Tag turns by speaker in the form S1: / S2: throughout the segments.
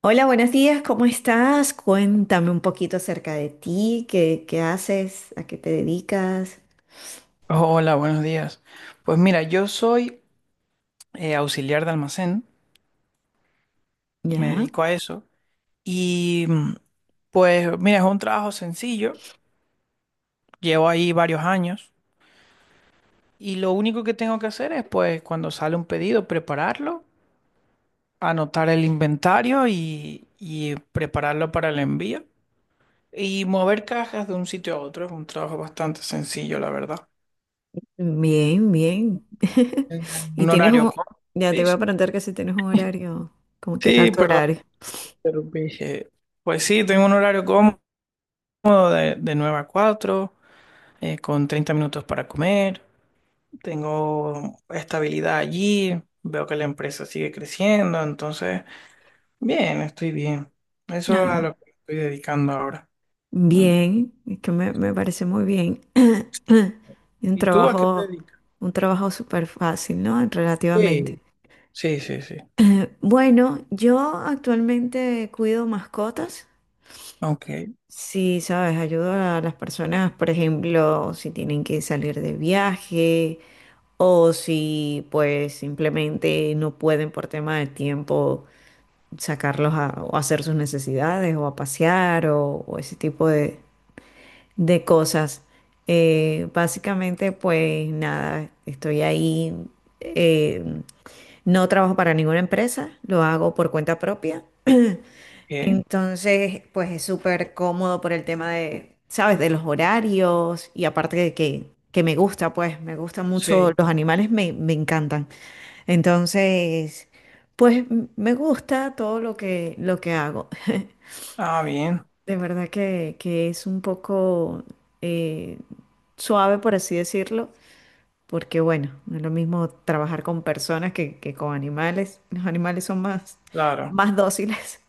S1: Hola, buenos días, ¿cómo estás? Cuéntame un poquito acerca de ti, qué haces, a qué te dedicas.
S2: Hola, buenos días. Pues mira, yo soy auxiliar de almacén, me
S1: Ya,
S2: dedico a eso y mm, pues mira, es un trabajo sencillo, llevo ahí varios años y lo único que tengo que hacer es pues cuando sale un pedido prepararlo, anotar el inventario y prepararlo para el envío y mover cajas de un sitio a otro, es un trabajo bastante sencillo, la verdad.
S1: bien, bien.
S2: Tengo
S1: Y
S2: un
S1: tienes
S2: horario
S1: un,
S2: cómodo.
S1: ya te
S2: Sí,
S1: voy a
S2: sí.
S1: preguntar que si tienes un horario, como qué tal
S2: Sí,
S1: tu
S2: perdón,
S1: horario.
S2: te interrumpí. Pues sí, tengo un horario cómodo. De 9 a 4, con 30 minutos para comer, tengo estabilidad allí, veo que la empresa sigue creciendo, entonces, bien, estoy bien. Eso es a
S1: Ah,
S2: lo que estoy dedicando ahora. Mm,
S1: bien, es que
S2: sí.
S1: me parece muy bien. Y un
S2: ¿Y tú a qué te
S1: trabajo,
S2: dedicas?
S1: un trabajo súper fácil, ¿no? Relativamente.
S2: Sí, sí, sí, sí.
S1: Bueno, yo actualmente cuido mascotas.
S2: Ok.
S1: Sí, sabes, ayudo a las personas, por ejemplo, si tienen que salir de viaje o si pues simplemente no pueden por tema de tiempo sacarlos a, o hacer sus necesidades o a pasear o ese tipo de cosas. Básicamente pues nada, estoy ahí, eh, no trabajo para ninguna empresa, lo hago por cuenta propia.
S2: ¿Qué?
S1: Entonces, pues es súper cómodo por el tema de, ¿sabes? De los horarios y aparte de que me gusta, pues me gustan mucho
S2: Sí.
S1: los animales, me encantan. Entonces, pues me gusta todo lo que hago.
S2: Ah, bien,
S1: De verdad que es un poco eh, suave, por así decirlo, porque bueno, no es lo mismo trabajar con personas que con animales. Los animales son más,
S2: claro,
S1: más dóciles.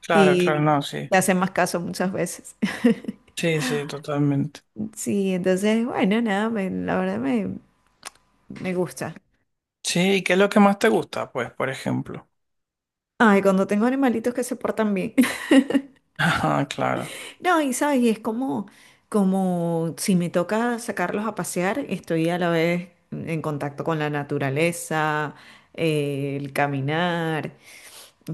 S2: claro,
S1: Y
S2: claro, no, sí.
S1: te hacen más caso muchas veces.
S2: Sí, sí, totalmente.
S1: Sí, entonces, bueno, nada, la verdad me gusta.
S2: Sí, ¿y qué es lo que más te gusta? Pues, por ejemplo.
S1: Ay, cuando tengo animalitos que se portan bien.
S2: Ah, claro,
S1: No, y sabes, y es como, como si me toca sacarlos a pasear, estoy a la vez en contacto con la naturaleza, el caminar,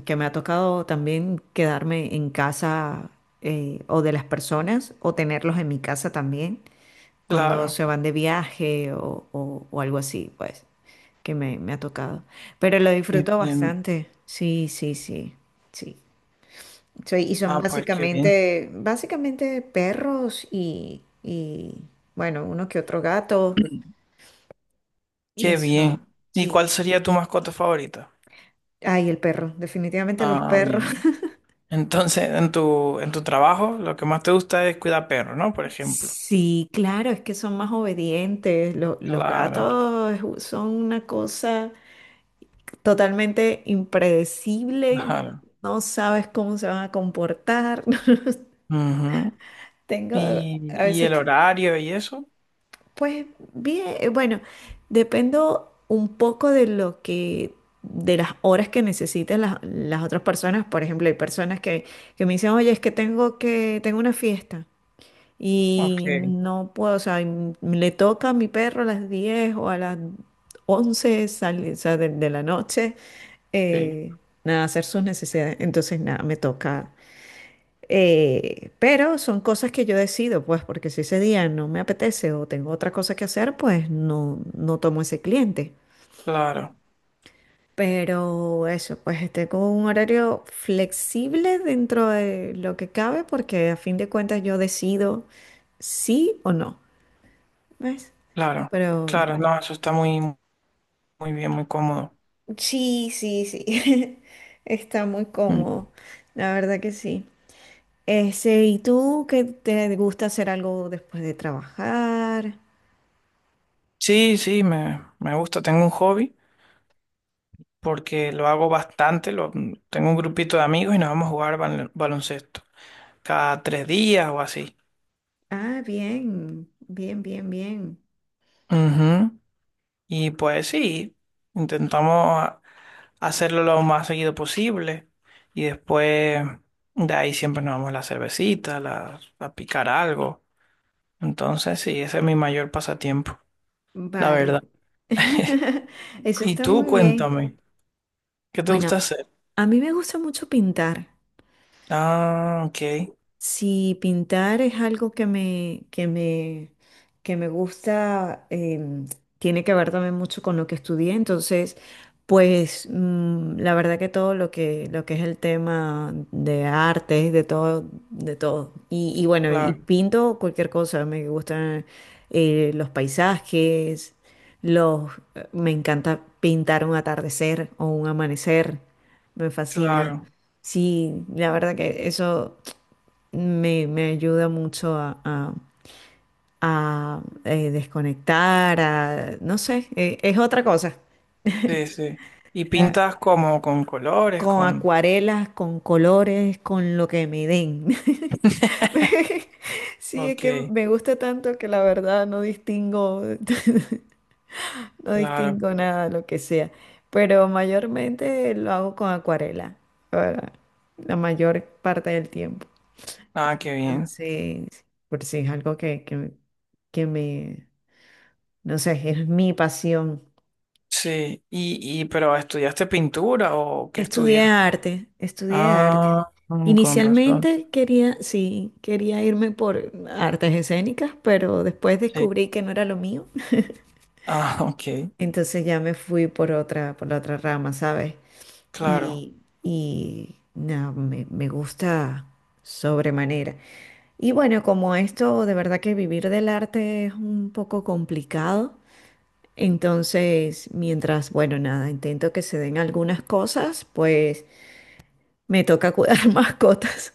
S1: que me ha tocado también quedarme en casa o de las personas o tenerlos en mi casa también cuando
S2: claro.
S1: se van de viaje o, o algo así, pues. Que me ha tocado. Pero lo disfruto
S2: Entiendo.
S1: bastante. Sí, sí, sí, sí. Soy, y son
S2: Ah, pues qué bien.
S1: básicamente, básicamente perros y bueno, uno que otro gato. Y
S2: Qué bien.
S1: eso,
S2: ¿Y cuál
S1: sí.
S2: sería tu mascota favorita?
S1: Ay, el perro, definitivamente los
S2: Ah,
S1: perros.
S2: bien. Entonces, en tu trabajo, lo que más te gusta es cuidar perros, ¿no? Por ejemplo.
S1: Sí, claro, es que son más obedientes. Los
S2: Claro,
S1: gatos son una cosa totalmente impredecible.
S2: claro.
S1: No sabes cómo se van a comportar.
S2: Ujú.
S1: Tengo a
S2: Y
S1: veces.
S2: el horario y eso?
S1: Pues bien, bueno, dependo un poco de lo que, de las horas que necesiten las otras personas. Por ejemplo, hay personas que me dicen, oye, es que, tengo una fiesta
S2: Ok,
S1: y no puedo, o sea, y le toca a mi perro a las 10 o a las 11 o sea, de la noche,
S2: sí.
S1: eh, nada, hacer sus necesidades. Entonces, nada, me toca. Pero son cosas que yo decido, pues, porque si ese día no me apetece o tengo otra cosa que hacer, pues no, no tomo ese cliente.
S2: Claro,
S1: Pero eso, pues tengo un horario flexible dentro de lo que cabe, porque a fin de cuentas yo decido sí o no, ¿ves?
S2: claro,
S1: Pero
S2: claro. No, eso está muy, muy bien, muy cómodo.
S1: sí, sí, sí, está muy
S2: Mm.
S1: cómodo, la verdad que sí. Ese, ¿y tú qué te gusta hacer algo después de trabajar?
S2: Sí, sí, me gusta. Tengo un hobby porque lo hago bastante. Lo, tengo un grupito de amigos y nos vamos a jugar baloncesto cada 3 días o así.
S1: Ah, bien, bien, bien, bien.
S2: Ujú. Y pues sí, intentamos a- hacerlo lo más seguido posible y después de ahí siempre nos vamos a la cervecita, a picar algo. Entonces sí, ese es mi mayor pasatiempo, la
S1: Vale.
S2: verdad.
S1: Eso
S2: Y
S1: está
S2: tú
S1: muy bien.
S2: cuéntame, ¿qué te gusta
S1: Bueno,
S2: hacer?
S1: a mí me gusta mucho pintar.
S2: Ah, ok,
S1: Si pintar es algo que que me gusta, tiene que ver también mucho con lo que estudié. Entonces, pues la verdad que todo lo que es el tema de artes, de todo, de todo. Y bueno, y
S2: claro,
S1: pinto cualquier cosa. Me gustan los paisajes, los, me encanta pintar un atardecer o un amanecer. Me fascina.
S2: claro,
S1: Sí, la verdad que eso me ayuda mucho a desconectar, a, no sé, es otra cosa.
S2: sí, sí. ¿Y
S1: La-
S2: pintas como con colores,
S1: con
S2: con...
S1: acuarelas, con colores, con lo que me den. Sí, es
S2: Ok,
S1: que me gusta tanto que la verdad no distingo, no
S2: claro.
S1: distingo nada, lo que sea. Pero mayormente lo hago con acuarela, para la mayor parte del tiempo.
S2: Ah, qué bien.
S1: Entonces, por si es algo que me. Entonces, es mi pasión.
S2: Sí, y pero ¿estudiaste pintura o qué
S1: Estudié
S2: estudiaste?
S1: arte. Estudié arte.
S2: Ah, mm, con razón.
S1: Inicialmente quería, sí, quería irme por artes escénicas, pero después
S2: Sí.
S1: descubrí que no era lo mío.
S2: Ah, ok,
S1: Entonces ya me fui por otra, por la otra rama, ¿sabes?
S2: claro.
S1: Y, y no, me gusta sobremanera. Y bueno, como esto de verdad que vivir del arte es un poco complicado, entonces mientras, bueno, nada, intento que se den algunas cosas, pues. Me toca cuidar mascotas.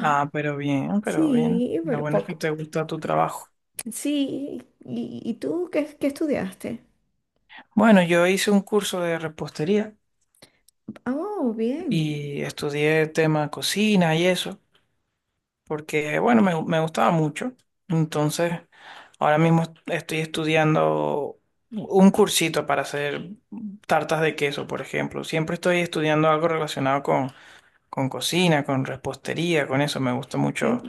S2: Ah, pero bien, pero bien.
S1: Sí,
S2: La
S1: pero
S2: buena es que
S1: poco.
S2: te gusta tu trabajo.
S1: Sí, y tú qué, qué estudiaste?
S2: Bueno, yo hice un curso de repostería
S1: Oh, bien.
S2: y estudié tema cocina y eso, porque bueno, me gustaba mucho. Entonces, ahora mismo estoy estudiando un cursito para hacer tartas de queso, por ejemplo. Siempre estoy estudiando algo relacionado con cocina, con repostería, con eso. Me gusta
S1: Eh,
S2: mucho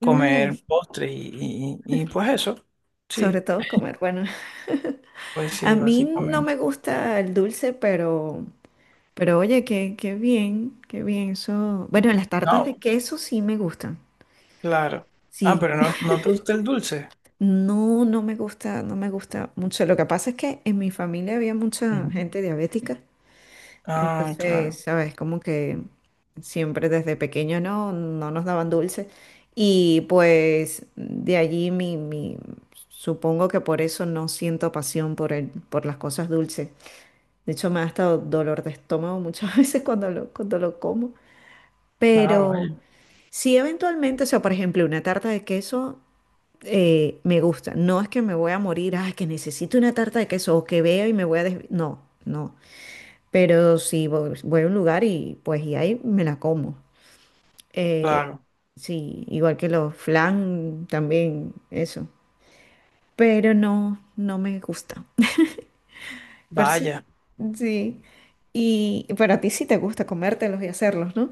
S2: comer
S1: ay,
S2: postres y pues eso.
S1: sobre
S2: Sí,
S1: todo comer. Bueno,
S2: pues
S1: a
S2: sí,
S1: mí no me
S2: básicamente.
S1: gusta el dulce, pero oye, qué, qué bien eso. Bueno, las tartas de
S2: No,
S1: queso sí me gustan.
S2: claro. Ah,
S1: Sí,
S2: pero no, no te gusta el dulce.
S1: no, no me gusta, no me gusta mucho. Lo que pasa es que en mi familia había mucha
S2: Ujú.
S1: gente diabética.
S2: Ah,
S1: Entonces,
S2: claro.
S1: sabes, como que siempre desde pequeño no, no nos daban dulce. Y pues de allí supongo que por eso no siento pasión por el, por las cosas dulces. De hecho, me ha estado dolor de estómago muchas veces cuando lo como.
S2: Ah,
S1: Pero
S2: vaya.
S1: si eventualmente, o sea, por ejemplo, una tarta de queso me gusta. No es que me voy a morir, ay, que necesito una tarta de queso o que veo y me voy a no, no. Pero si voy, voy a un lugar y pues y ahí me la como. Eh,
S2: Claro.
S1: sí, igual que los flan también, eso. Pero no, no me gusta. Pero sí,
S2: Vaya.
S1: sí. Y pero a ti sí te gusta comértelos y hacerlos, ¿no?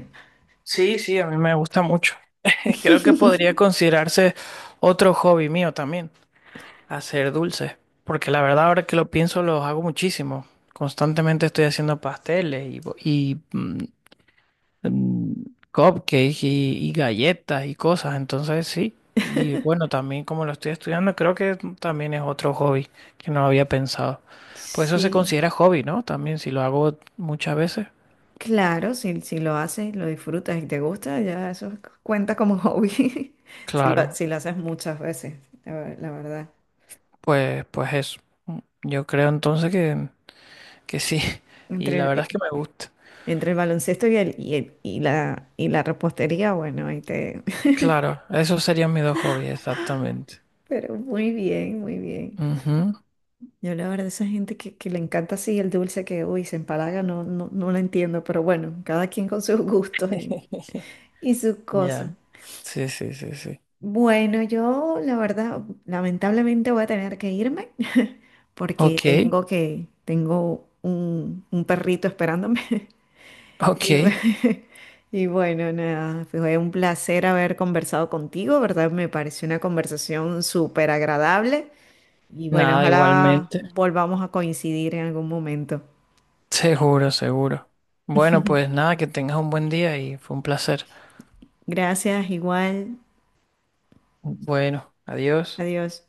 S2: Sí, sí, a mí me gusta mucho. Creo que podría considerarse otro hobby mío también, hacer dulces. Porque la verdad, ahora que lo pienso, los hago muchísimo. Constantemente estoy haciendo pasteles y mm, cupcakes y galletas y cosas, entonces sí. Y bueno, también como lo estoy estudiando, creo que también es otro hobby que no había pensado. Pues eso se
S1: Sí,
S2: considera hobby, ¿no? También si lo hago muchas veces.
S1: claro, si, si lo haces, lo disfrutas y te gusta, ya eso cuenta como hobby. Si lo,
S2: Claro,
S1: si lo haces muchas veces, la verdad.
S2: pues, pues eso. Mm, Yo creo entonces que sí. Y
S1: Entre el-
S2: la verdad es que
S1: eh,
S2: me gusta.
S1: Entre el baloncesto y y la repostería, bueno, ahí te...
S2: Claro, esos serían mis dos hobbies, exactamente.
S1: Pero muy bien, muy bien.
S2: Ujú.
S1: Yo la verdad, esa gente que le encanta así el dulce que, uy, se empalaga, no, no, no la entiendo, pero bueno, cada quien con sus gustos y sus cosas.
S2: Ya, sí, sí, sí, sí.
S1: Bueno, yo la verdad, lamentablemente voy a tener que irme porque
S2: Ok,
S1: tengo que, tengo un perrito esperándome. Y,
S2: ok.
S1: y bueno, nada, fue un placer haber conversado contigo, ¿verdad? Me pareció una conversación súper agradable y bueno,
S2: Nada,
S1: ojalá
S2: igualmente.
S1: volvamos a coincidir en algún momento.
S2: Seguro, seguro. Bueno, pues nada, que tengas un buen día y fue un placer.
S1: Gracias, igual,
S2: Bueno, adiós.
S1: adiós.